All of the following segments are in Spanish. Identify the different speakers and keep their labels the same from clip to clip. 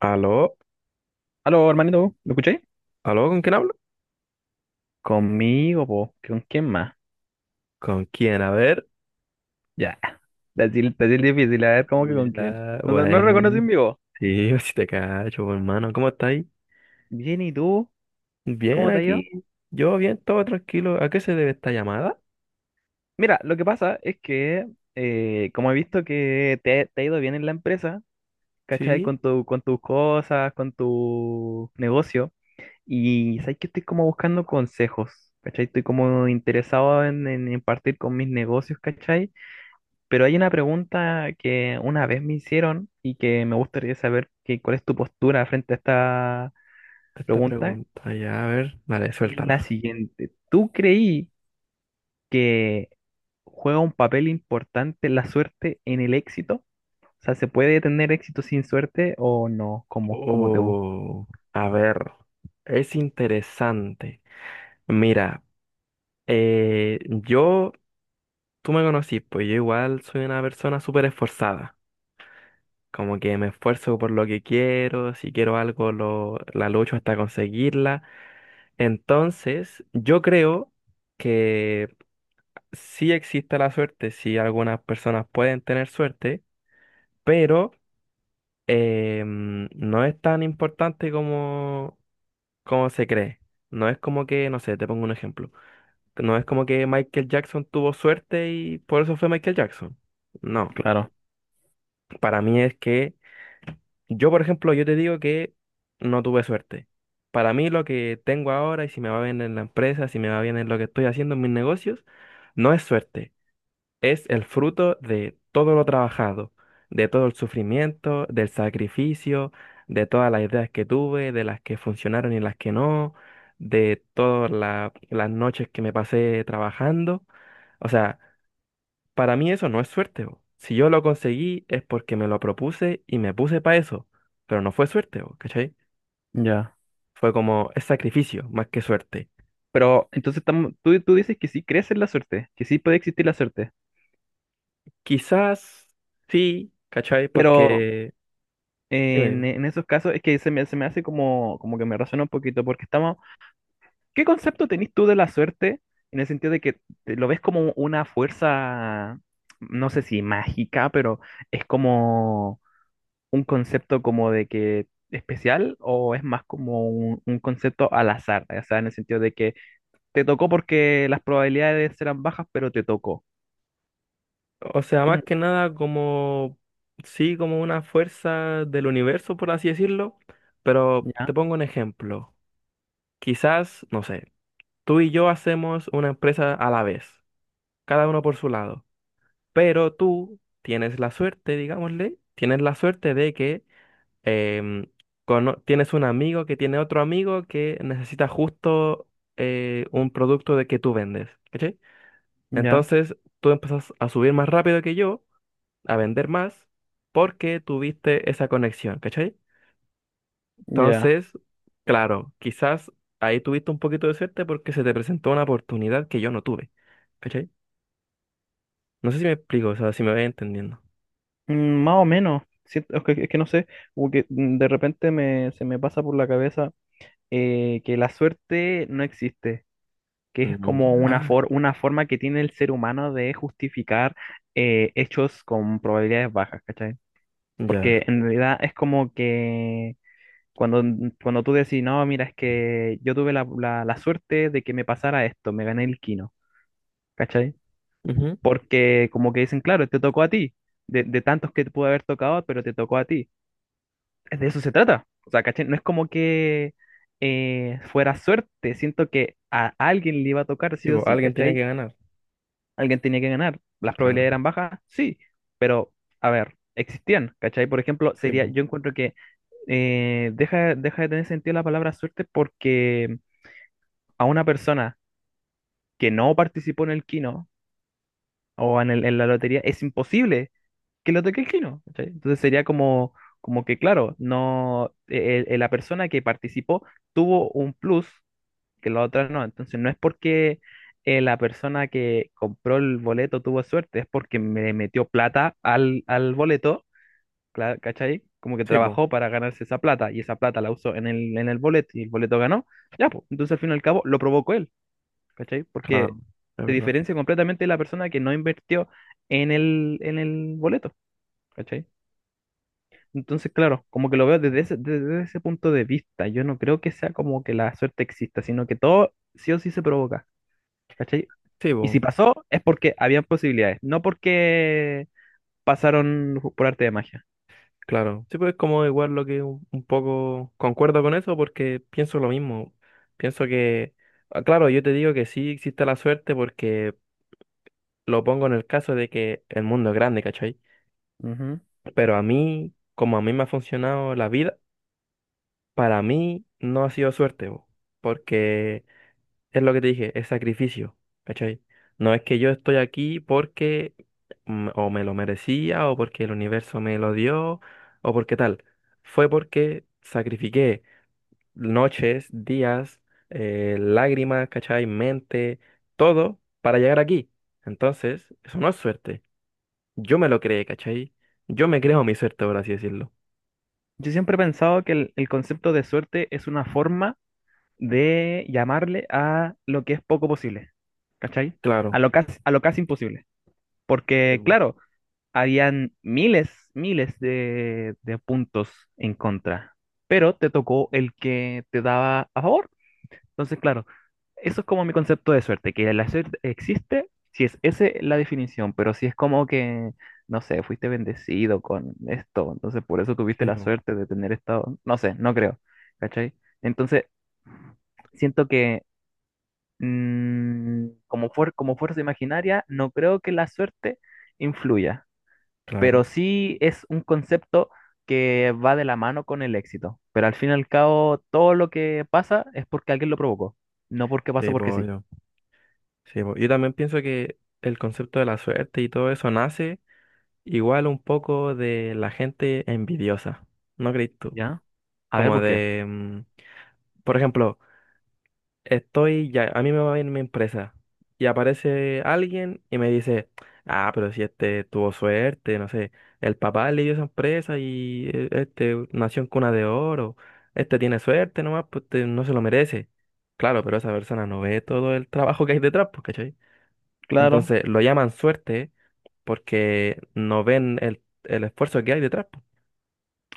Speaker 1: ¿Aló?
Speaker 2: Aló, hermanito, ¿me escucháis?
Speaker 1: ¿Aló? ¿Con quién hablo?
Speaker 2: Conmigo, po. ¿Con quién más?
Speaker 1: ¿Con quién? A ver.
Speaker 2: Ya. Decir difícil, a ver, ¿cómo que con quién?
Speaker 1: Ya,
Speaker 2: No, no, no
Speaker 1: bueno.
Speaker 2: reconoces mi voz.
Speaker 1: Sí, si te cacho, pues, hermano. ¿Cómo estáis?
Speaker 2: Bien, ¿y tú?
Speaker 1: Bien
Speaker 2: ¿Cómo te ha ido?
Speaker 1: aquí. Yo bien, todo tranquilo. ¿A qué se debe esta llamada?
Speaker 2: Mira, lo que pasa es que, como he visto que te ha ido bien en la empresa, ¿cachai?
Speaker 1: Sí,
Speaker 2: Con con tus cosas, con tu negocio. Y sabes que estoy como buscando consejos, ¿cachai? Estoy como interesado en impartir con mis negocios, ¿cachai? Pero hay una pregunta que una vez me hicieron y que me gustaría saber que, cuál es tu postura frente a esta
Speaker 1: esta
Speaker 2: pregunta.
Speaker 1: pregunta. Ya, a ver. Vale,
Speaker 2: Y es la
Speaker 1: suéltala.
Speaker 2: siguiente. ¿Tú creí que juega un papel importante la suerte en el éxito? O sea, ¿se puede tener éxito sin suerte o no? Como, como te gusta.
Speaker 1: Oh, a ver. Es interesante. Mira, eh, yo, tú me conocís, pues yo igual soy una persona súper esforzada. Como que me esfuerzo por lo que quiero, si quiero algo la lucho hasta conseguirla. Entonces, yo creo que sí existe la suerte, sí algunas personas pueden tener suerte, pero no es tan importante como, como se cree. No es como que, no sé, te pongo un ejemplo. No es como que Michael Jackson tuvo suerte y por eso fue Michael Jackson. No,
Speaker 2: Claro,
Speaker 1: para mí es que yo, por ejemplo, yo te digo que no tuve suerte. Para mí lo que tengo ahora y si me va bien en la empresa, si me va bien en lo que estoy haciendo en mis negocios, no es suerte. Es el fruto de todo lo trabajado, de todo el sufrimiento, del sacrificio, de todas las ideas que tuve, de las que funcionaron y las que no, de todas las noches que me pasé trabajando. O sea, para mí eso no es suerte, bo. Si yo lo conseguí es porque me lo propuse y me puse para eso, pero no fue suerte, bo, ¿cachai?
Speaker 2: ya.
Speaker 1: Fue como es sacrificio más que suerte.
Speaker 2: Pero entonces estamos- tú dices que sí crees en la suerte, que sí puede existir la suerte.
Speaker 1: Quizás sí, ¿cachai?
Speaker 2: Pero
Speaker 1: Porque... Dime, dime.
Speaker 2: en esos casos es que se me hace como, como que me razona un poquito porque estamos ¿Qué concepto tenés tú de la suerte en el sentido de que te- lo ves como una fuerza, no sé si mágica, pero es como un concepto como de que especial o es más como un concepto al azar? O sea, en el sentido de que te tocó porque las probabilidades eran bajas, pero te tocó.
Speaker 1: O sea, más
Speaker 2: Como-
Speaker 1: que nada como... Sí, como una fuerza del universo, por así decirlo, pero
Speaker 2: Ya,
Speaker 1: te pongo un ejemplo. Quizás, no sé, tú y yo hacemos una empresa a la vez, cada uno por su lado. Pero tú tienes la suerte, digámosle, tienes la suerte de que em, tienes un amigo que tiene otro amigo que necesita justo un producto de que tú vendes, ¿cachai?
Speaker 2: ya,
Speaker 1: Entonces tú empezás a subir más rápido que yo, a vender más, porque tuviste esa conexión, ¿cachai?
Speaker 2: ya.
Speaker 1: Entonces, claro, quizás ahí tuviste un poquito de suerte porque se te presentó una oportunidad que yo no tuve, ¿cachai? No sé si me explico, o sea, si me voy entendiendo.
Speaker 2: Mm, más o menos. Siento- es que no sé, como que de repente se me pasa por la cabeza que la suerte no existe, que es
Speaker 1: Mm.
Speaker 2: como una,
Speaker 1: Ya.
Speaker 2: for- una forma que tiene el ser humano de justificar hechos con probabilidades bajas, ¿cachai?
Speaker 1: Ya.
Speaker 2: Porque en realidad es como que cuando, cuando tú decís, no, mira, es que yo tuve la, la- la suerte de que me pasara esto, me gané el quino, ¿cachai?
Speaker 1: Ujú.
Speaker 2: Porque como que dicen, claro, te tocó a ti, de tantos que te pudo haber tocado, pero te tocó a ti. Es De eso se trata. O sea, ¿cachai? No es como que fuera suerte, siento que a alguien le iba a tocar
Speaker 1: Sí,
Speaker 2: sí o
Speaker 1: po,
Speaker 2: sí,
Speaker 1: alguien tenía que
Speaker 2: ¿cachai?
Speaker 1: ganar.
Speaker 2: Alguien tenía que ganar. ¿Las
Speaker 1: Claro.
Speaker 2: probabilidades eran bajas? Sí, pero a ver, existían, ¿cachai? Por ejemplo,
Speaker 1: Sí,
Speaker 2: sería,
Speaker 1: po.
Speaker 2: yo encuentro que deja, deja de tener sentido la palabra suerte porque a una persona que no participó en el kino o en, el- en la lotería es imposible que lo toque el kino, ¿cachai? Entonces sería como, como que, claro, no, la persona que participó tuvo un plus que la otra no. Entonces no es porque la persona que compró el boleto tuvo suerte, es porque me metió plata al, al boleto, cla- ¿cachai? Como que
Speaker 1: Sí, po,
Speaker 2: trabajó para ganarse esa plata y esa plata la usó en en el boleto y el boleto ganó. Ya, pues, entonces al fin y al cabo lo provocó él, ¿cachai?
Speaker 1: claro,
Speaker 2: Porque
Speaker 1: es
Speaker 2: se
Speaker 1: verdad.
Speaker 2: diferencia completamente de la persona que no invirtió en en el boleto, ¿cachai? Entonces, claro, como que lo veo desde ese punto de vista. Yo no creo que sea como que la suerte exista, sino que todo sí o sí se provoca. ¿Cachai?
Speaker 1: Sí,
Speaker 2: Y si
Speaker 1: po,
Speaker 2: pasó, es porque habían posibilidades, no porque pasaron ju- por arte de magia.
Speaker 1: claro. Sí, pues es como igual lo que un poco concuerdo con eso porque pienso lo mismo. Pienso que, ah, claro, yo te digo que sí existe la suerte porque lo pongo en el caso de que el mundo es grande, ¿cachai?
Speaker 2: Ujú.
Speaker 1: Pero a mí, como a mí me ha funcionado la vida, para mí no ha sido suerte, po, porque es lo que te dije, es sacrificio, ¿cachai? No es que yo estoy aquí porque o me lo merecía, o porque el universo me lo dio, o porque tal. Fue porque sacrifiqué noches, días, lágrimas, ¿cachai? Mente, todo para llegar aquí. Entonces, eso no es suerte. Yo me lo creé, ¿cachai? Yo me creo mi suerte, por así decirlo.
Speaker 2: Yo siempre he pensado que el concepto de suerte es una forma de llamarle a lo que es poco posible, ¿cachai?
Speaker 1: Claro.
Speaker 2: A lo casi imposible.
Speaker 1: Sí,
Speaker 2: Porque,
Speaker 1: bu.
Speaker 2: claro, habían miles, miles de puntos en contra, pero te tocó el que te daba a favor. Entonces, claro, eso es como mi concepto de suerte, que la suerte existe, si es esa la definición, pero si es como que, no sé, fuiste bendecido con esto, entonces por eso
Speaker 1: Sí,
Speaker 2: tuviste la
Speaker 1: bu.
Speaker 2: suerte de tener estado, no sé, no creo, ¿cachai? Entonces, siento que como, fuer- como fuerza imaginaria, no creo que la suerte influya,
Speaker 1: Claro.
Speaker 2: pero sí es un concepto que va de la mano con el éxito, pero al fin y al cabo, todo lo que pasa es porque alguien lo provocó, no porque pasó
Speaker 1: Sí,
Speaker 2: porque
Speaker 1: po.
Speaker 2: sí.
Speaker 1: Sí, po, yo también pienso que el concepto de la suerte y todo eso nace igual un poco de la gente envidiosa, ¿no crees tú?
Speaker 2: ¿Ya? A ver,
Speaker 1: Como
Speaker 2: ¿por qué?
Speaker 1: de, por ejemplo, estoy ya, a mí me va bien mi empresa y aparece alguien y me dice, ah, pero si este tuvo suerte, no sé, el papá le dio esa empresa y este nació en cuna de oro, este tiene suerte nomás, pues este no se lo merece. Claro, pero esa persona no ve todo el trabajo que hay detrás, pues, ¿cachai?
Speaker 2: Claro.
Speaker 1: Entonces lo llaman suerte porque no ven el esfuerzo que hay detrás. Po.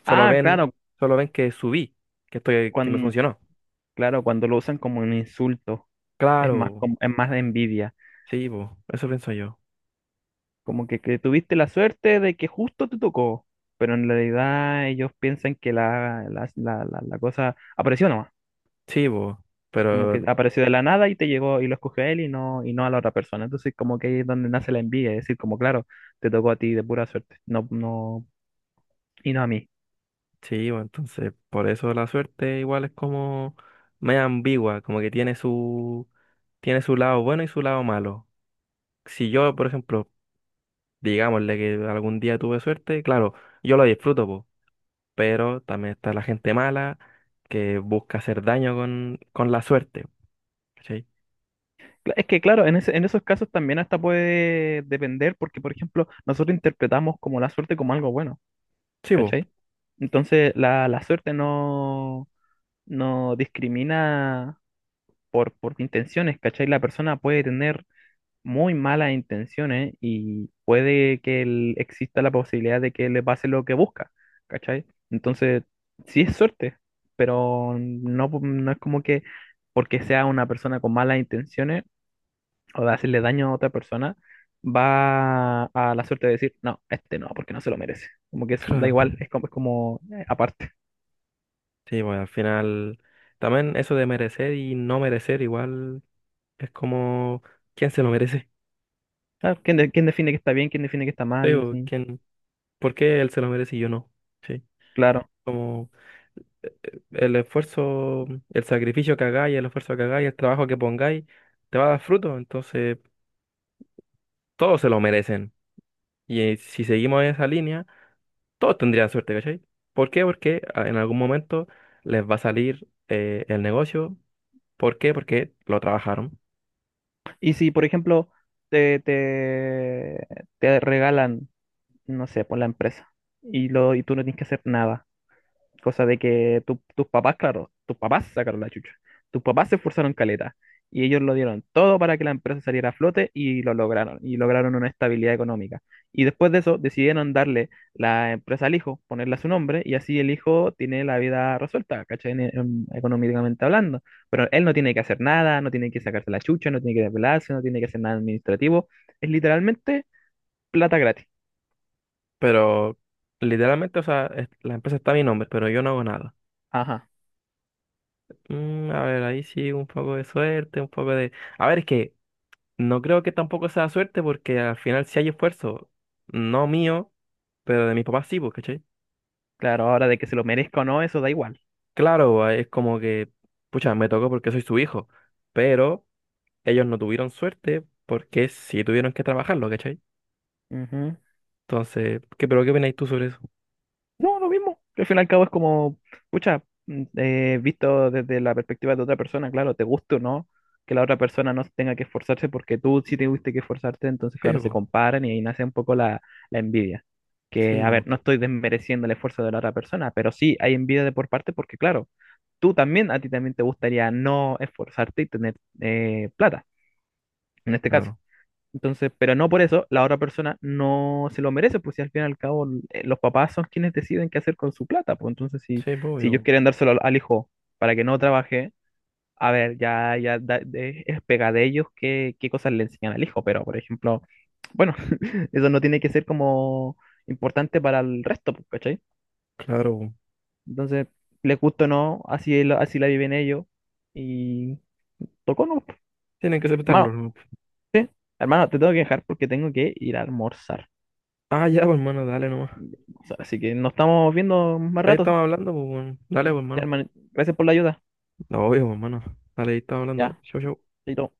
Speaker 1: Solo
Speaker 2: Ah,
Speaker 1: ven,
Speaker 2: claro,
Speaker 1: solo ven que subí, que estoy, que me
Speaker 2: cuando,
Speaker 1: funcionó.
Speaker 2: claro, cuando lo usan como un insulto, es más,
Speaker 1: Claro,
Speaker 2: como, es más de envidia.
Speaker 1: sí, bo, eso pienso yo.
Speaker 2: Como que tuviste la suerte de que justo te tocó, pero en realidad ellos piensan que la cosa apareció nomás.
Speaker 1: Sí, bo,
Speaker 2: Como
Speaker 1: pero
Speaker 2: que apareció de la nada y te llegó y lo escogió a él y y no a la otra persona. Entonces, como que ahí es donde nace la envidia, es decir, como claro, te tocó a ti de pura suerte, no, no, y no a mí.
Speaker 1: sí, bo, entonces por eso la suerte igual es como media ambigua, como que tiene su lado bueno y su lado malo. Si yo, por ejemplo, digámosle que algún día tuve suerte, claro, yo lo disfruto, po, pero también está la gente mala que busca hacer daño con la suerte, ¿cachai?
Speaker 2: Cla- Es que claro, en ese- en esos casos también hasta puede depender, porque por ejemplo, nosotros interpretamos como la suerte como algo bueno,
Speaker 1: Sí, pues,
Speaker 2: ¿cachai? Entonces la suerte no, no discrimina por intenciones, ¿cachai? La persona puede tener muy malas intenciones y puede que el- exista la posibilidad de que le pase lo que busca, ¿cachai? Entonces, sí es suerte, pero no, no es como que porque sea una persona con malas intenciones o de hacerle daño a otra persona, va a la suerte de decir, no, este no, porque no se lo merece. Como que es- da
Speaker 1: claro.
Speaker 2: igual, es como aparte.
Speaker 1: Sí, pues al final también eso de merecer y no merecer igual es como, ¿quién se lo merece?
Speaker 2: Claro, ¿Quién, de- quién define que está bien, quién define que está
Speaker 1: Sí,
Speaker 2: mal?
Speaker 1: po,
Speaker 2: Así,
Speaker 1: ¿quién? ¿Por qué él se lo merece y yo no? Sí,
Speaker 2: claro.
Speaker 1: como el esfuerzo, el sacrificio que hagáis, el esfuerzo que hagáis, el trabajo que pongáis, te va a dar fruto, entonces todos se lo merecen. Y si seguimos esa línea todos tendrían suerte, ¿cachai? ¿Por qué? Porque en algún momento les va a salir el negocio. ¿Por qué? Porque lo trabajaron.
Speaker 2: Y si, por ejemplo, te, te, te regalan, no sé, por la empresa y, lo, y tú no tienes que hacer nada. Cosa de que tu- tus papás, claro, tus papás sacaron la chucha. Tus papás se esforzaron caleta. Y ellos lo dieron todo para que la empresa saliera a flote y lo lograron. Y lograron una estabilidad económica. Y después de eso decidieron darle la empresa al hijo, ponerle a su nombre. Y así el hijo tiene la vida resuelta, ¿cachai? En- económicamente hablando. Pero él no tiene que hacer nada, no tiene que sacarse la chucha, no tiene que desvelarse, no tiene que hacer nada administrativo. Es literalmente plata gratis.
Speaker 1: Pero literalmente, o sea, la empresa está a mi nombre, pero yo no hago nada.
Speaker 2: Ajá.
Speaker 1: Mm, a ver, ahí sí, un poco de suerte, un poco de... A ver, es que no creo que tampoco sea suerte porque al final sí hay esfuerzo, no mío, pero de mis papás sí, pues, ¿cachai?
Speaker 2: Claro, ahora de que se lo merezca o no, eso da igual.
Speaker 1: Claro, es como que, pucha, me tocó porque soy su hijo, pero ellos no tuvieron suerte porque sí tuvieron que trabajarlo, ¿cachai?
Speaker 2: Ujú.
Speaker 1: Entonces, ¿qué, pero qué opináis tú sobre eso?
Speaker 2: No, lo mismo. Al fin y al cabo es como, pucha, visto desde la perspectiva de otra persona, claro, te guste o no, que la otra persona no tenga que esforzarse porque tú sí te tuviste que esforzarte, entonces,
Speaker 1: Sí,
Speaker 2: claro, se
Speaker 1: bo,
Speaker 2: comparan y ahí nace un poco la, la envidia. Que,
Speaker 1: sí,
Speaker 2: a
Speaker 1: bo,
Speaker 2: ver, no estoy desmereciendo el esfuerzo de la otra persona, pero sí hay envidia de por parte porque, claro, tú también, a ti también te gustaría no esforzarte y tener plata, en este caso.
Speaker 1: claro.
Speaker 2: Entonces, pero no por eso, la otra persona no se lo merece, pues si al fin y al cabo los papás son quienes deciden qué hacer con su plata, pues entonces si,
Speaker 1: Sí, pues,
Speaker 2: si ellos
Speaker 1: obvio,
Speaker 2: quieren dárselo al, al hijo para que no trabaje, a ver, ya, ya da- de- es pega de ellos qué, qué cosas le enseñan al hijo, pero por ejemplo, bueno, eso no tiene que ser como importante para el resto, pues, ¿cachai?
Speaker 1: claro, po.
Speaker 2: Entonces, les gusta o no, así la viven ellos y tocó no.
Speaker 1: Tienen que
Speaker 2: Hermano,
Speaker 1: aceptarlo, ¿no?
Speaker 2: hermano, te tengo que dejar porque tengo que ir a almorzar.
Speaker 1: Ah, ya, pues, hermano, dale nomás.
Speaker 2: Así que nos estamos viendo más
Speaker 1: Ahí
Speaker 2: rato.
Speaker 1: estamos hablando, pues, weón. Dale, pues,
Speaker 2: Ya,
Speaker 1: hermano.
Speaker 2: hermano. Gracias por la ayuda.
Speaker 1: No obvio, bo, hermano. Dale, ahí estamos hablando.
Speaker 2: Ya,
Speaker 1: Chau, chau.
Speaker 2: chaito.